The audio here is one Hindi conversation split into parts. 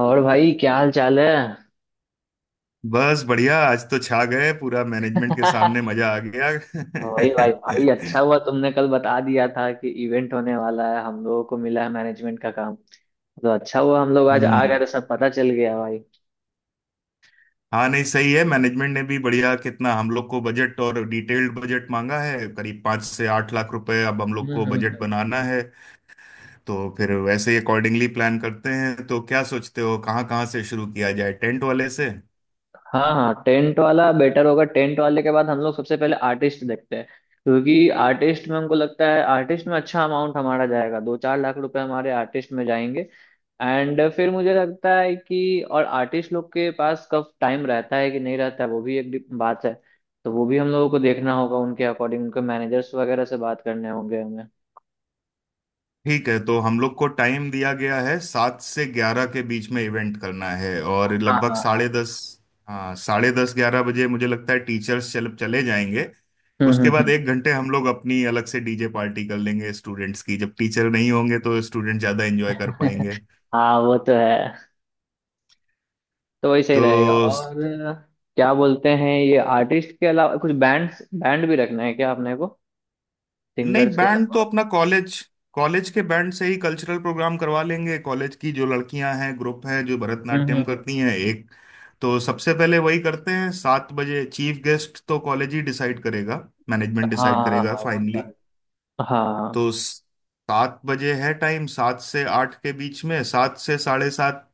और भाई क्या हाल चाल है। बस बढ़िया। आज तो छा गए पूरा मैनेजमेंट के सामने, मजा आ गया। वही भाई भाई अच्छा हुआ तुमने कल बता दिया था कि इवेंट होने वाला है, हम लोगों को मिला है मैनेजमेंट का काम। तो अच्छा हुआ हम लोग आज आ गए हम्म। तो सब पता चल गया भाई। हाँ, नहीं सही है, मैनेजमेंट ने भी बढ़िया कितना हम लोग को बजट और डिटेल्ड बजट मांगा है, करीब 5 से 8 लाख रुपए। अब हम लोग हम्म को हम्म बजट हम्म। बनाना है, तो फिर वैसे ही अकॉर्डिंगली प्लान करते हैं। तो क्या सोचते हो कहाँ कहाँ से शुरू किया जाए, टेंट वाले से? हाँ हाँ, टेंट वाला बेटर होगा। टेंट वाले के बाद हम लोग सबसे पहले आर्टिस्ट देखते हैं, क्योंकि आर्टिस्ट में हमको लगता है आर्टिस्ट में अच्छा अमाउंट हमारा जाएगा। 2-4 लाख रुपए हमारे आर्टिस्ट में जाएंगे। एंड फिर मुझे लगता है कि और आर्टिस्ट लोग के पास कब टाइम रहता है कि नहीं रहता है, वो भी एक बात है। तो वो भी हम लोगों को देखना होगा, उनके अकॉर्डिंग उनके मैनेजर्स वगैरह से बात करने होंगे हमें। ठीक है। तो हम लोग को टाइम दिया गया है 7 से 11 के बीच में इवेंट करना है, और हाँ लगभग हाँ हाँ। साढ़े दस हाँ, 10:30, 11 बजे मुझे लगता है टीचर्स चल चले जाएंगे। उसके बाद हम्म। 1 घंटे हम लोग अपनी अलग से डीजे पार्टी कर लेंगे स्टूडेंट्स की, जब टीचर नहीं होंगे तो स्टूडेंट ज़्यादा एंजॉय कर पाएंगे। हाँ वो तो है। तो वही सही तो रहेगा। और क्या बोलते हैं ये आर्टिस्ट के अलावा कुछ बैंड्स बैंड भी रखना है क्या अपने को, नहीं, सिंगर्स के बैंड तो अलावा? अपना कॉलेज कॉलेज के बैंड से ही कल्चरल प्रोग्राम करवा लेंगे। कॉलेज की जो लड़कियां हैं, ग्रुप हैं जो भरतनाट्यम हम्म। करती हैं, एक तो सबसे पहले वही करते हैं। सात बजे चीफ गेस्ट तो कॉलेज ही डिसाइड करेगा, मैनेजमेंट हाँ डिसाइड हाँ करेगा हाँ वो तो है। फाइनली। हाँ। तो स- 7 बजे है टाइम, 7 से 8 के बीच में, 7 से 7:30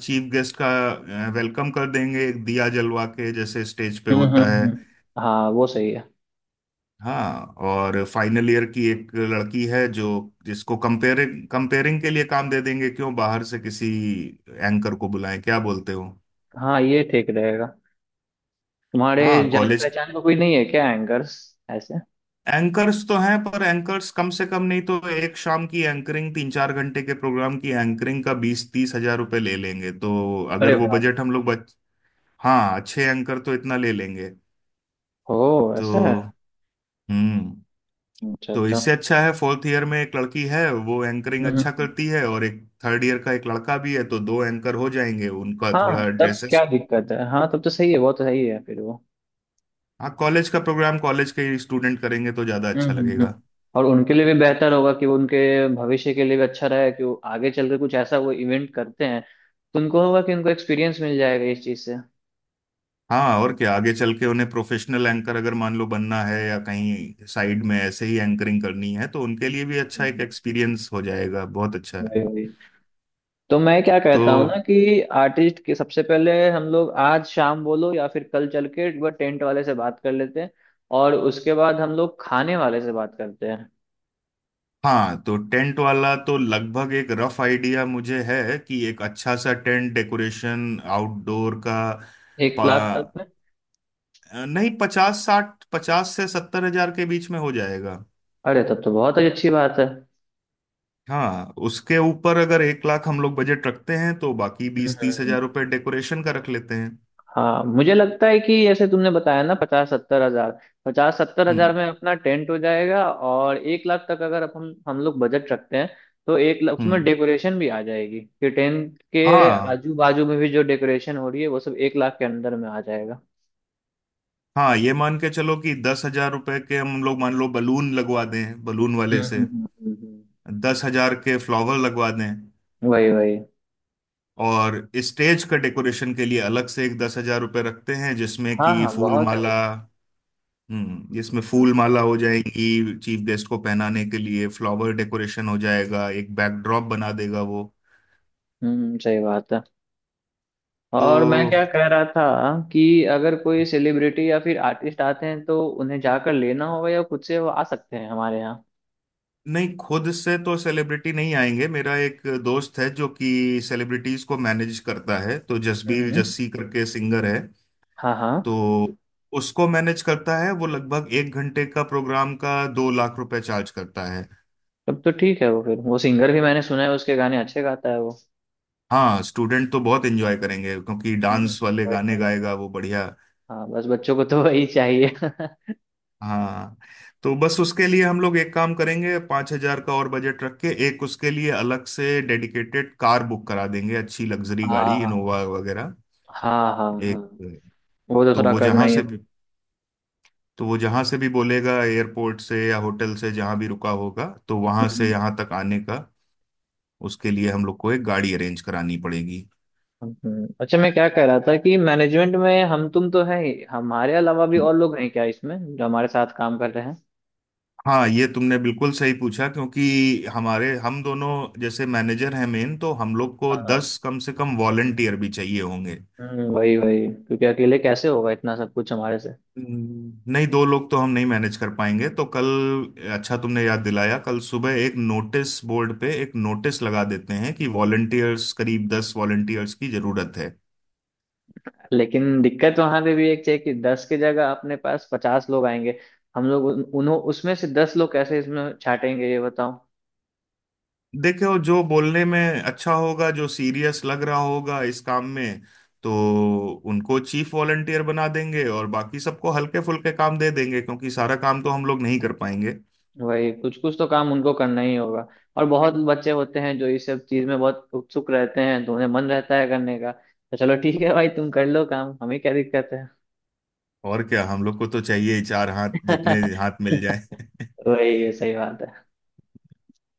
चीफ गेस्ट का वेलकम कर देंगे, एक दिया जलवा के, जैसे स्टेज पे हम्म हम्म, होता है। हम्म। हाँ वो सही है। हाँ, और फाइनल ईयर की एक लड़की है जो, जिसको कंपेयरिंग कंपेयरिंग के लिए काम दे देंगे। क्यों बाहर से किसी एंकर को बुलाएं, क्या बोलते हो? हाँ ये ठीक रहेगा। तुम्हारे हाँ, जान कॉलेज। पहचान का कोई नहीं है क्या एंकर्स ऐसे? एंकर्स तो हैं, पर एंकर्स कम से कम नहीं तो एक शाम की एंकरिंग, तीन चार घंटे के प्रोग्राम की एंकरिंग का 20 से 30 हजार रुपये ले लेंगे। तो अरे अगर वो बाप। बजट हम लोग बच। हाँ अच्छे एंकर तो इतना ले लेंगे। ओ तो ऐसा है। हम्म, अच्छा तो अच्छा हम्म। इससे अच्छा है फोर्थ ईयर में एक लड़की है वो एंकरिंग हम्म, अच्छा हम्म। करती है, और एक थर्ड ईयर का एक लड़का भी है, तो दो एंकर हो जाएंगे, उनका हाँ थोड़ा तब ड्रेसेस। क्या दिक्कत है। हाँ तब तो सही है, वो तो सही है फिर वो। हाँ, कॉलेज का प्रोग्राम कॉलेज के स्टूडेंट करेंगे तो ज्यादा अच्छा हम्म हम्म लगेगा। हम्म। और उनके लिए भी बेहतर होगा कि वो उनके भविष्य के लिए भी अच्छा रहे कि वो आगे चल के कुछ ऐसा वो इवेंट करते हैं, तो उनको होगा कि उनको एक्सपीरियंस मिल जाएगा इस चीज़ से। हम्म। हाँ, और क्या, आगे चल के उन्हें प्रोफेशनल एंकर अगर मान लो बनना है या कहीं साइड में ऐसे ही एंकरिंग करनी है, तो उनके लिए भी अच्छा एक एक्सपीरियंस हो जाएगा, बहुत अच्छा है। वही वही। तो मैं क्या तो कहता हूँ ना कि आर्टिस्ट के सबसे पहले हम लोग आज शाम बोलो या फिर कल चल के एक बार टेंट वाले से बात कर लेते हैं। और उसके बाद हम लोग खाने वाले से बात करते हैं। हाँ, तो टेंट वाला तो लगभग एक रफ आइडिया मुझे है कि एक अच्छा सा टेंट डेकोरेशन आउटडोर का एक पा, लाख तक में नहीं 50 से 70 हजार के बीच में हो जाएगा। अरे तब तो बहुत ही अच्छी बात है। हाँ, उसके ऊपर अगर 1 लाख हम लोग बजट रखते हैं तो बाकी बीस तीस हम्म। हजार रुपये डेकोरेशन का रख लेते हैं। हाँ मुझे लगता है कि जैसे तुमने बताया ना, 50-70 हजार, 50-70 हजार हम्म। में अपना टेंट हो जाएगा। और 1 लाख तक अगर अपन हम लोग बजट रखते हैं, तो 1 लाख उसमें हम्म। डेकोरेशन भी आ जाएगी कि टेंट के हाँ। आजू बाजू में भी जो डेकोरेशन हो रही है वो सब 1 लाख के अंदर में आ जाएगा। हाँ, ये मान के चलो कि 10 हजार रुपये के हम लोग मान लो बलून लगवा दें बलून हम्म वाले हम्म से, हम्म हम्म, हम्म। 10 हजार के फ्लावर लगवा दें, वही वही। और स्टेज का डेकोरेशन के लिए अलग से एक 10 हजार रुपये रखते हैं, जिसमें हाँ कि हाँ फूल बहुत है वो। माला। हम्म, जिसमें हम्म फूल माला हो जाएंगी चीफ गेस्ट को पहनाने के लिए, फ्लावर डेकोरेशन हो जाएगा, एक बैकड्रॉप बना देगा वो। सही बात है। और मैं तो क्या कह रहा था कि अगर कोई सेलिब्रिटी या फिर आर्टिस्ट आते हैं तो उन्हें जाकर लेना होगा या खुद से वो आ सकते हैं हमारे नहीं, खुद से तो सेलिब्रिटी नहीं आएंगे। मेरा एक दोस्त है जो कि सेलिब्रिटीज को मैनेज करता है, तो जसबीर यहाँ? जस्सी करके सिंगर है, हाँ हाँ। तो उसको मैनेज करता है। वो लगभग 1 घंटे का प्रोग्राम का 2 लाख रुपए चार्ज करता है। तब तो ठीक है वो। फिर वो सिंगर भी मैंने सुना है, उसके गाने अच्छे गाता है वो। हाँ, स्टूडेंट तो बहुत एंजॉय करेंगे क्योंकि हम्म। डांस वाले वही गाने वही। गाएगा वो बढ़िया। हाँ बस बच्चों को तो वही चाहिए। हाँ हाँ, तो बस उसके लिए हम लोग एक काम करेंगे, 5 हजार का और बजट रख के एक उसके लिए अलग से डेडिकेटेड कार बुक करा देंगे, अच्छी लग्जरी गाड़ी हाँ इनोवा वगैरह। हाँ हाँ। हाँ एक, वो तो तो थोड़ा वो करना जहाँ ही से होगा। भी तो वो जहाँ से भी बोलेगा, एयरपोर्ट से या होटल से जहाँ भी रुका होगा, तो वहाँ से हम्म, यहाँ तक आने का उसके लिए हम लोग को एक गाड़ी अरेंज करानी पड़ेगी। अच्छा मैं क्या कह रहा था कि मैनेजमेंट में हम तुम तो हैं ही, हमारे अलावा भी और लोग हैं क्या इसमें जो हमारे साथ काम कर रहे हैं? हाँ, ये तुमने बिल्कुल सही पूछा, क्योंकि हमारे हम दोनों जैसे मैनेजर हैं मेन, तो हम लोग को हाँ। 10 कम से कम वॉलंटियर भी चाहिए होंगे। वही वही, क्योंकि अकेले कैसे होगा इतना सब कुछ हमारे से। नहीं दो लोग तो हम नहीं मैनेज कर पाएंगे। तो कल, अच्छा तुमने याद दिलाया, कल सुबह एक नोटिस बोर्ड पे एक नोटिस लगा देते हैं कि वॉलंटियर्स करीब 10 वॉलंटियर्स की जरूरत है। लेकिन दिक्कत वहां पे भी एक है कि 10 की जगह अपने पास 50 लोग आएंगे। हम लोग उन्हों उसमें से 10 लोग कैसे इसमें छाटेंगे ये बताओ। देखो, जो बोलने में अच्छा होगा, जो सीरियस लग रहा होगा इस काम में, तो उनको चीफ वॉलंटियर बना देंगे और बाकी सबको हल्के फुल्के काम दे देंगे क्योंकि सारा काम तो हम लोग नहीं कर पाएंगे। वही, कुछ कुछ तो काम उनको करना ही होगा। और बहुत बच्चे होते हैं जो इस सब चीज में बहुत उत्सुक रहते हैं, तो उन्हें मन रहता है करने का। तो चलो ठीक है भाई तुम कर लो काम, हमें क्या दिक्कत है। और क्या, हम लोग को तो चाहिए ही चार हाथ, जितने हाथ मिल जाए। वही, ये सही बात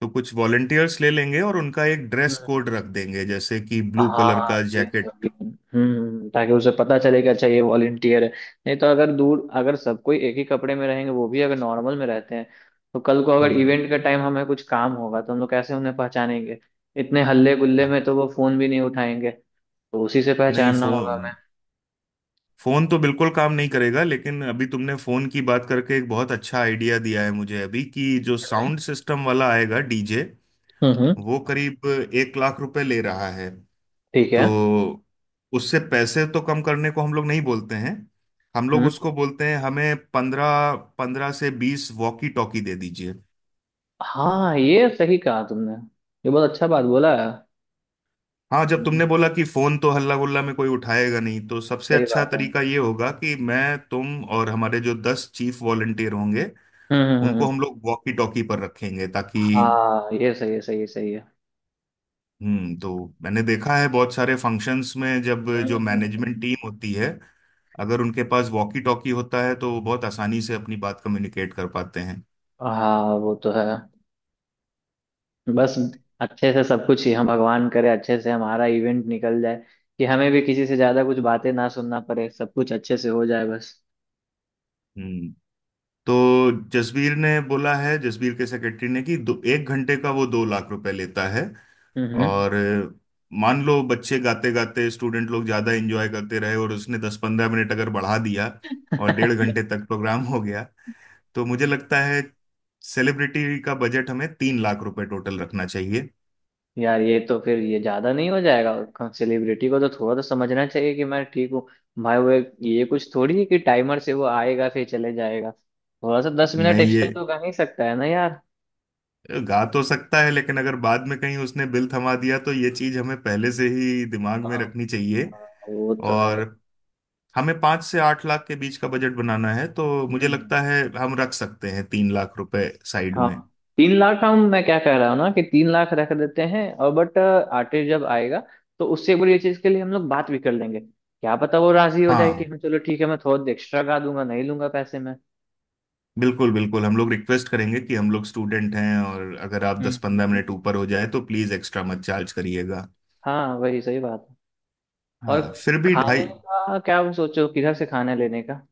तो कुछ वॉलंटियर्स ले लेंगे और उनका एक है। ड्रेस कोड रख देंगे, जैसे कि ब्लू कलर हाँ का ये जैकेट। सब भी। हम्म, ताकि उसे पता चले कि अच्छा ये वॉलंटियर है। नहीं तो अगर दूर अगर सब कोई एक ही कपड़े में रहेंगे, वो भी अगर नॉर्मल में रहते हैं, तो कल को अगर हम्म। इवेंट का टाइम हमें कुछ काम होगा तो हम लोग कैसे उन्हें पहचानेंगे। इतने हल्ले गुल्ले हाँ, में तो वो फोन भी नहीं उठाएंगे। तो उसी से नहीं पहचानना होगा फोन हमें। फोन तो बिल्कुल काम नहीं करेगा, लेकिन अभी तुमने फोन की बात करके एक बहुत अच्छा आइडिया दिया है मुझे अभी, कि जो हम्म साउंड सिस्टम वाला आएगा डीजे, हम्म, हम्म, वो करीब 1 लाख रुपए ले रहा है। ठीक तो है। उससे पैसे तो कम करने को हम लोग नहीं बोलते हैं, हम लोग हम्म। उसको बोलते हैं हमें 15 से 20 वॉकी टॉकी दे दीजिए। हाँ ये सही कहा तुमने, ये बहुत अच्छा बात बोला है। हाँ, जब तुमने हम्म, बोला कि फोन तो हल्ला गुल्ला में कोई उठाएगा नहीं, तो सबसे सही अच्छा बात है। तरीका ये होगा कि मैं तुम और हमारे जो 10 चीफ वॉलंटियर होंगे उनको हम्म। हम लोग वॉकी टॉकी पर रखेंगे ताकि। हाँ ये सही है, सही है, सही है। हम्म, तो मैंने देखा है बहुत सारे फंक्शंस में जब हम्म जो हम्म, मैनेजमेंट हम्म। टीम होती है, अगर उनके पास वॉकी टॉकी होता है तो वो बहुत आसानी से अपनी बात कम्युनिकेट कर पाते हैं। हाँ वो तो है। बस अच्छे से सब कुछ ही, हम भगवान करे अच्छे से हमारा इवेंट निकल जाए, कि हमें भी किसी से ज्यादा कुछ बातें ना सुनना पड़े, सब कुछ अच्छे से हो जाए बस। हम्म, तो जसबीर ने बोला है, जसबीर के सेक्रेटरी ने कि दो, 1 घंटे का वो 2 लाख रुपए लेता है। हम्म। और मान लो बच्चे गाते गाते स्टूडेंट लोग ज्यादा एंजॉय करते रहे और उसने 10 से 15 मिनट अगर बढ़ा दिया और 1.5 घंटे तक प्रोग्राम हो गया, तो मुझे लगता है सेलिब्रिटी का बजट हमें 3 लाख रुपए टोटल रखना चाहिए। यार ये तो फिर ये ज्यादा नहीं हो जाएगा? सेलिब्रिटी को तो थोड़ा तो समझना चाहिए कि मैं ठीक हूँ। भाई वो ये कुछ थोड़ी है कि टाइमर से वो आएगा फिर चले जाएगा। थोड़ा सा 10 मिनट नहीं, ये एक्स्ट्रा तो कर ही सकता है ना यार। गा तो सकता है लेकिन अगर बाद में कहीं उसने बिल थमा दिया, तो ये चीज हमें पहले से ही दिमाग में हाँ रखनी चाहिए। हाँ, वो तो है। और हमें 5 से 8 लाख के बीच का बजट बनाना है, तो हम्म मुझे हम्म। लगता है हम रख सकते हैं 3 लाख रुपए साइड हाँ। में। 3 लाख, हम मैं क्या कह रहा हूँ ना कि 3 लाख रख देते हैं, और बट आर्टिस्ट जब आएगा तो उससे एक बार ये चीज के लिए हम लोग बात भी कर लेंगे, क्या पता वो राजी हो जाए कि हाँ, हाँ चलो ठीक है मैं थोड़ा एक्स्ट्रा गा दूंगा, नहीं लूंगा पैसे में। बिल्कुल बिल्कुल, हम लोग रिक्वेस्ट करेंगे कि हम लोग स्टूडेंट हैं और अगर आप हम्म दस हम्म पंद्रह मिनट हम्म। ऊपर हो जाए तो प्लीज एक्स्ट्रा मत चार्ज करिएगा। हाँ वही सही बात है। और हाँ, फिर भी खाने ढाई। का क्या, आप सोचो किधर से खाने लेने का।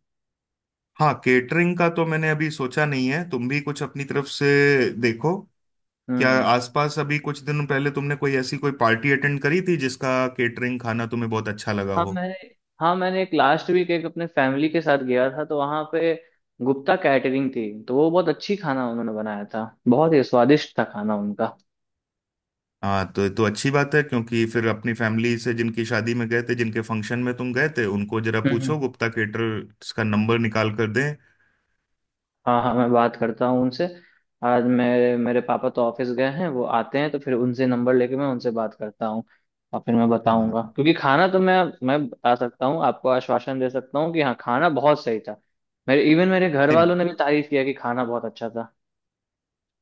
हाँ, केटरिंग का तो मैंने अभी सोचा नहीं है, तुम भी कुछ अपनी तरफ से। देखो, क्या हम्म। आसपास अभी कुछ दिन पहले तुमने कोई ऐसी कोई पार्टी अटेंड करी थी जिसका केटरिंग खाना तुम्हें बहुत अच्छा लगा हाँ हो? मैंने, हाँ मैंने एक लास्ट वीक एक अपने फैमिली के साथ गया था, तो वहाँ पे गुप्ता कैटरिंग थी तो वो बहुत अच्छी, खाना उन्होंने बनाया था बहुत ही स्वादिष्ट था, खाना उनका। हाँ तो अच्छी बात है, क्योंकि फिर अपनी फैमिली से जिनकी शादी में गए थे, जिनके फंक्शन में तुम गए थे, उनको जरा पूछो हम्म। गुप्ता केटरर्स का नंबर निकाल कर दें। हाँ हाँ मैं बात करता हूँ उनसे। आज मेरे मेरे पापा तो ऑफिस गए हैं, वो आते हैं तो फिर उनसे नंबर लेके मैं उनसे बात करता हूँ। और फिर मैं बताऊंगा, हाँ। क्योंकि खाना तो मैं बता सकता हूँ आपको, आश्वासन दे सकता हूँ कि हाँ खाना बहुत सही था। मेरे इवन मेरे घर नहीं, वालों ने भी तारीफ किया कि खाना बहुत अच्छा था।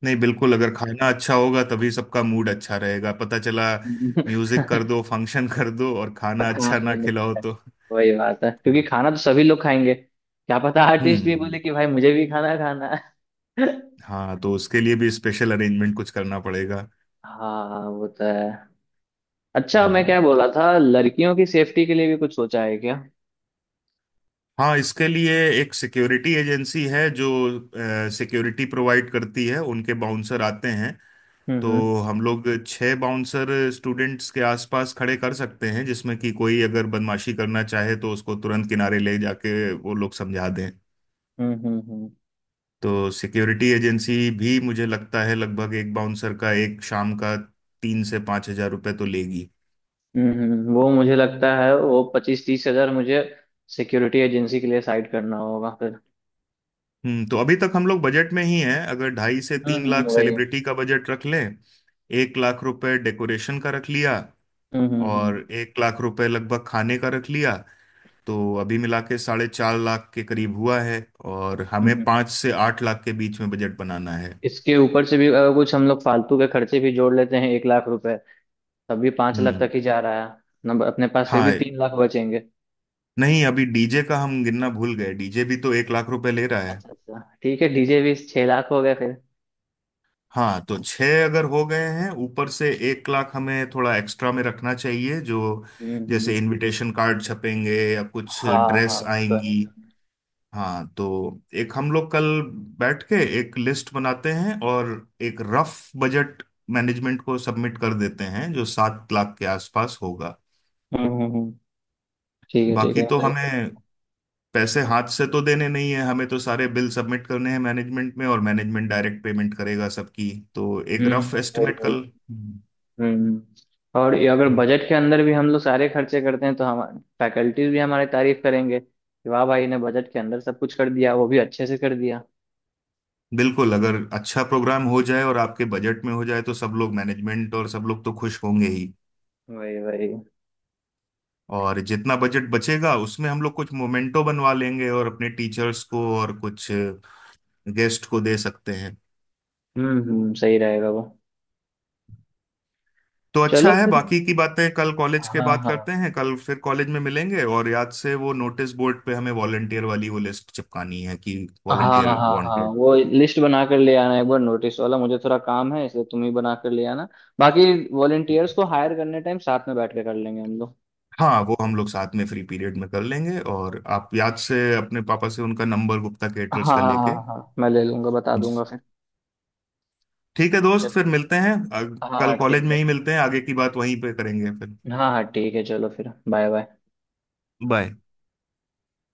नहीं बिल्कुल, अगर खाना अच्छा होगा तभी सबका मूड अच्छा रहेगा, पता चला म्यूजिक कर दो, फंक्शन कर दो और पर खाना खाना अच्छा ही ना नहीं, खिलाओ तो। वही बात है क्योंकि हम्म। खाना तो सभी लोग खाएंगे। क्या पता आर्टिस्ट भी हम्म। बोले कि भाई मुझे भी खाना खाना है। हाँ, तो उसके लिए भी स्पेशल अरेंजमेंट कुछ करना पड़ेगा। हाँ वो तो है। अच्छा मैं हम्म। क्या बोला था, लड़कियों की सेफ्टी के लिए भी कुछ सोचा है क्या? हाँ, इसके लिए एक सिक्योरिटी एजेंसी है जो सिक्योरिटी प्रोवाइड करती है, उनके बाउंसर आते हैं। हम्म तो हम्म हम लोग 6 बाउंसर स्टूडेंट्स के आसपास खड़े कर सकते हैं, जिसमें कि कोई अगर बदमाशी करना चाहे तो उसको तुरंत किनारे ले जाके वो लोग समझा दें। हम्म हम्म हम्म, तो सिक्योरिटी एजेंसी भी मुझे लगता है लगभग एक बाउंसर का एक शाम का 3 से 5 हजार रुपये तो लेगी। हम्म। वो मुझे लगता है वो 25-30 हजार मुझे सिक्योरिटी एजेंसी के लिए साइड करना होगा फिर। हम्म, तो अभी तक हम लोग बजट में ही हैं। अगर ढाई से तीन लाख वही। सेलिब्रिटी का बजट रख लें, 1 लाख रुपए डेकोरेशन का रख लिया हम्म हम्म हम्म और 1 लाख रुपए लगभग खाने का रख लिया, तो अभी मिला के 4.5 लाख के करीब हुआ है, और हमें हम्म, हम्म। पाँच से आठ लाख के बीच में बजट बनाना है। इसके ऊपर से भी अगर कुछ हम लोग फालतू के खर्चे भी जोड़ लेते हैं 1 लाख रुपए, तब भी 5 लाख हम्म। तक ही जा रहा है नंबर। अपने पास फिर भी हाँ, 3 लाख बचेंगे। नहीं अभी डीजे का हम गिनना भूल गए, डीजे भी तो 1 लाख रुपए ले रहा। अच्छा अच्छा ठीक है, डीजे भी, 6 लाख हो गए फिर। हाँ तो 6 अगर हो गए हैं, ऊपर से 1 लाख हमें थोड़ा एक्स्ट्रा में रखना चाहिए, जो हम्म। जैसे इनविटेशन कार्ड छपेंगे या कुछ हाँ हाँ ड्रेस वो तो है। आएंगी। हाँ, तो एक हम लोग कल बैठ के एक लिस्ट बनाते हैं और एक रफ बजट मैनेजमेंट को सबमिट कर देते हैं जो 7 लाख के आसपास होगा। हम्म हम्म हम्म, ठीक है ठीक बाकी है तो सही बात। हमें पैसे हाथ से तो देने नहीं है, हमें तो सारे बिल सबमिट करने हैं मैनेजमेंट में और मैनेजमेंट डायरेक्ट पेमेंट करेगा सबकी, तो एक हम्म रफ वही एस्टिमेट वही। कल। हम्म। और ये अगर बजट के अंदर भी हम लोग सारे खर्चे करते हैं तो हम फैकल्टीज भी हमारी तारीफ करेंगे कि वाह भाई ने बजट के अंदर सब कुछ कर दिया, वो भी अच्छे से कर दिया। बिल्कुल, अगर अच्छा प्रोग्राम हो जाए और आपके बजट में हो जाए तो सब लोग, मैनेजमेंट और सब लोग तो खुश होंगे ही। वही वही। और जितना बजट बचेगा उसमें हम लोग कुछ मोमेंटो बनवा लेंगे और अपने टीचर्स को और कुछ गेस्ट को दे सकते हैं। सही रहेगा वो। तो चलो अच्छा है, फिर। बाकी की बातें कल कॉलेज के हाँ बाद हाँ करते हैं, कल फिर कॉलेज में मिलेंगे। और याद से वो नोटिस बोर्ड पे हमें वॉलंटियर वाली वो लिस्ट चिपकानी है कि हाँ हाँ। वॉलंटियर हाँ वांटेड। वो लिस्ट बना कर ले आना एक बार, नोटिस वाला, मुझे थोड़ा काम है इसलिए तुम ही बना कर ले आना। बाकी वॉलेंटियर्स को हायर करने टाइम साथ में बैठ के कर लेंगे हम लोग। हाँ, वो हम लोग साथ में फ्री पीरियड में कर लेंगे, और आप याद से अपने पापा से उनका नंबर गुप्ता हाँ केटरर्स का हाँ हाँ लेके। हाँ मैं ले लूंगा, बता ठीक दूंगा फिर। है दोस्त, फिर चलो, मिलते हैं। हाँ कल हाँ कॉलेज ठीक में है। ही मिलते हैं, आगे की बात वहीं पे करेंगे फिर। हाँ हाँ ठीक है, चलो फिर बाय बाय। बाय।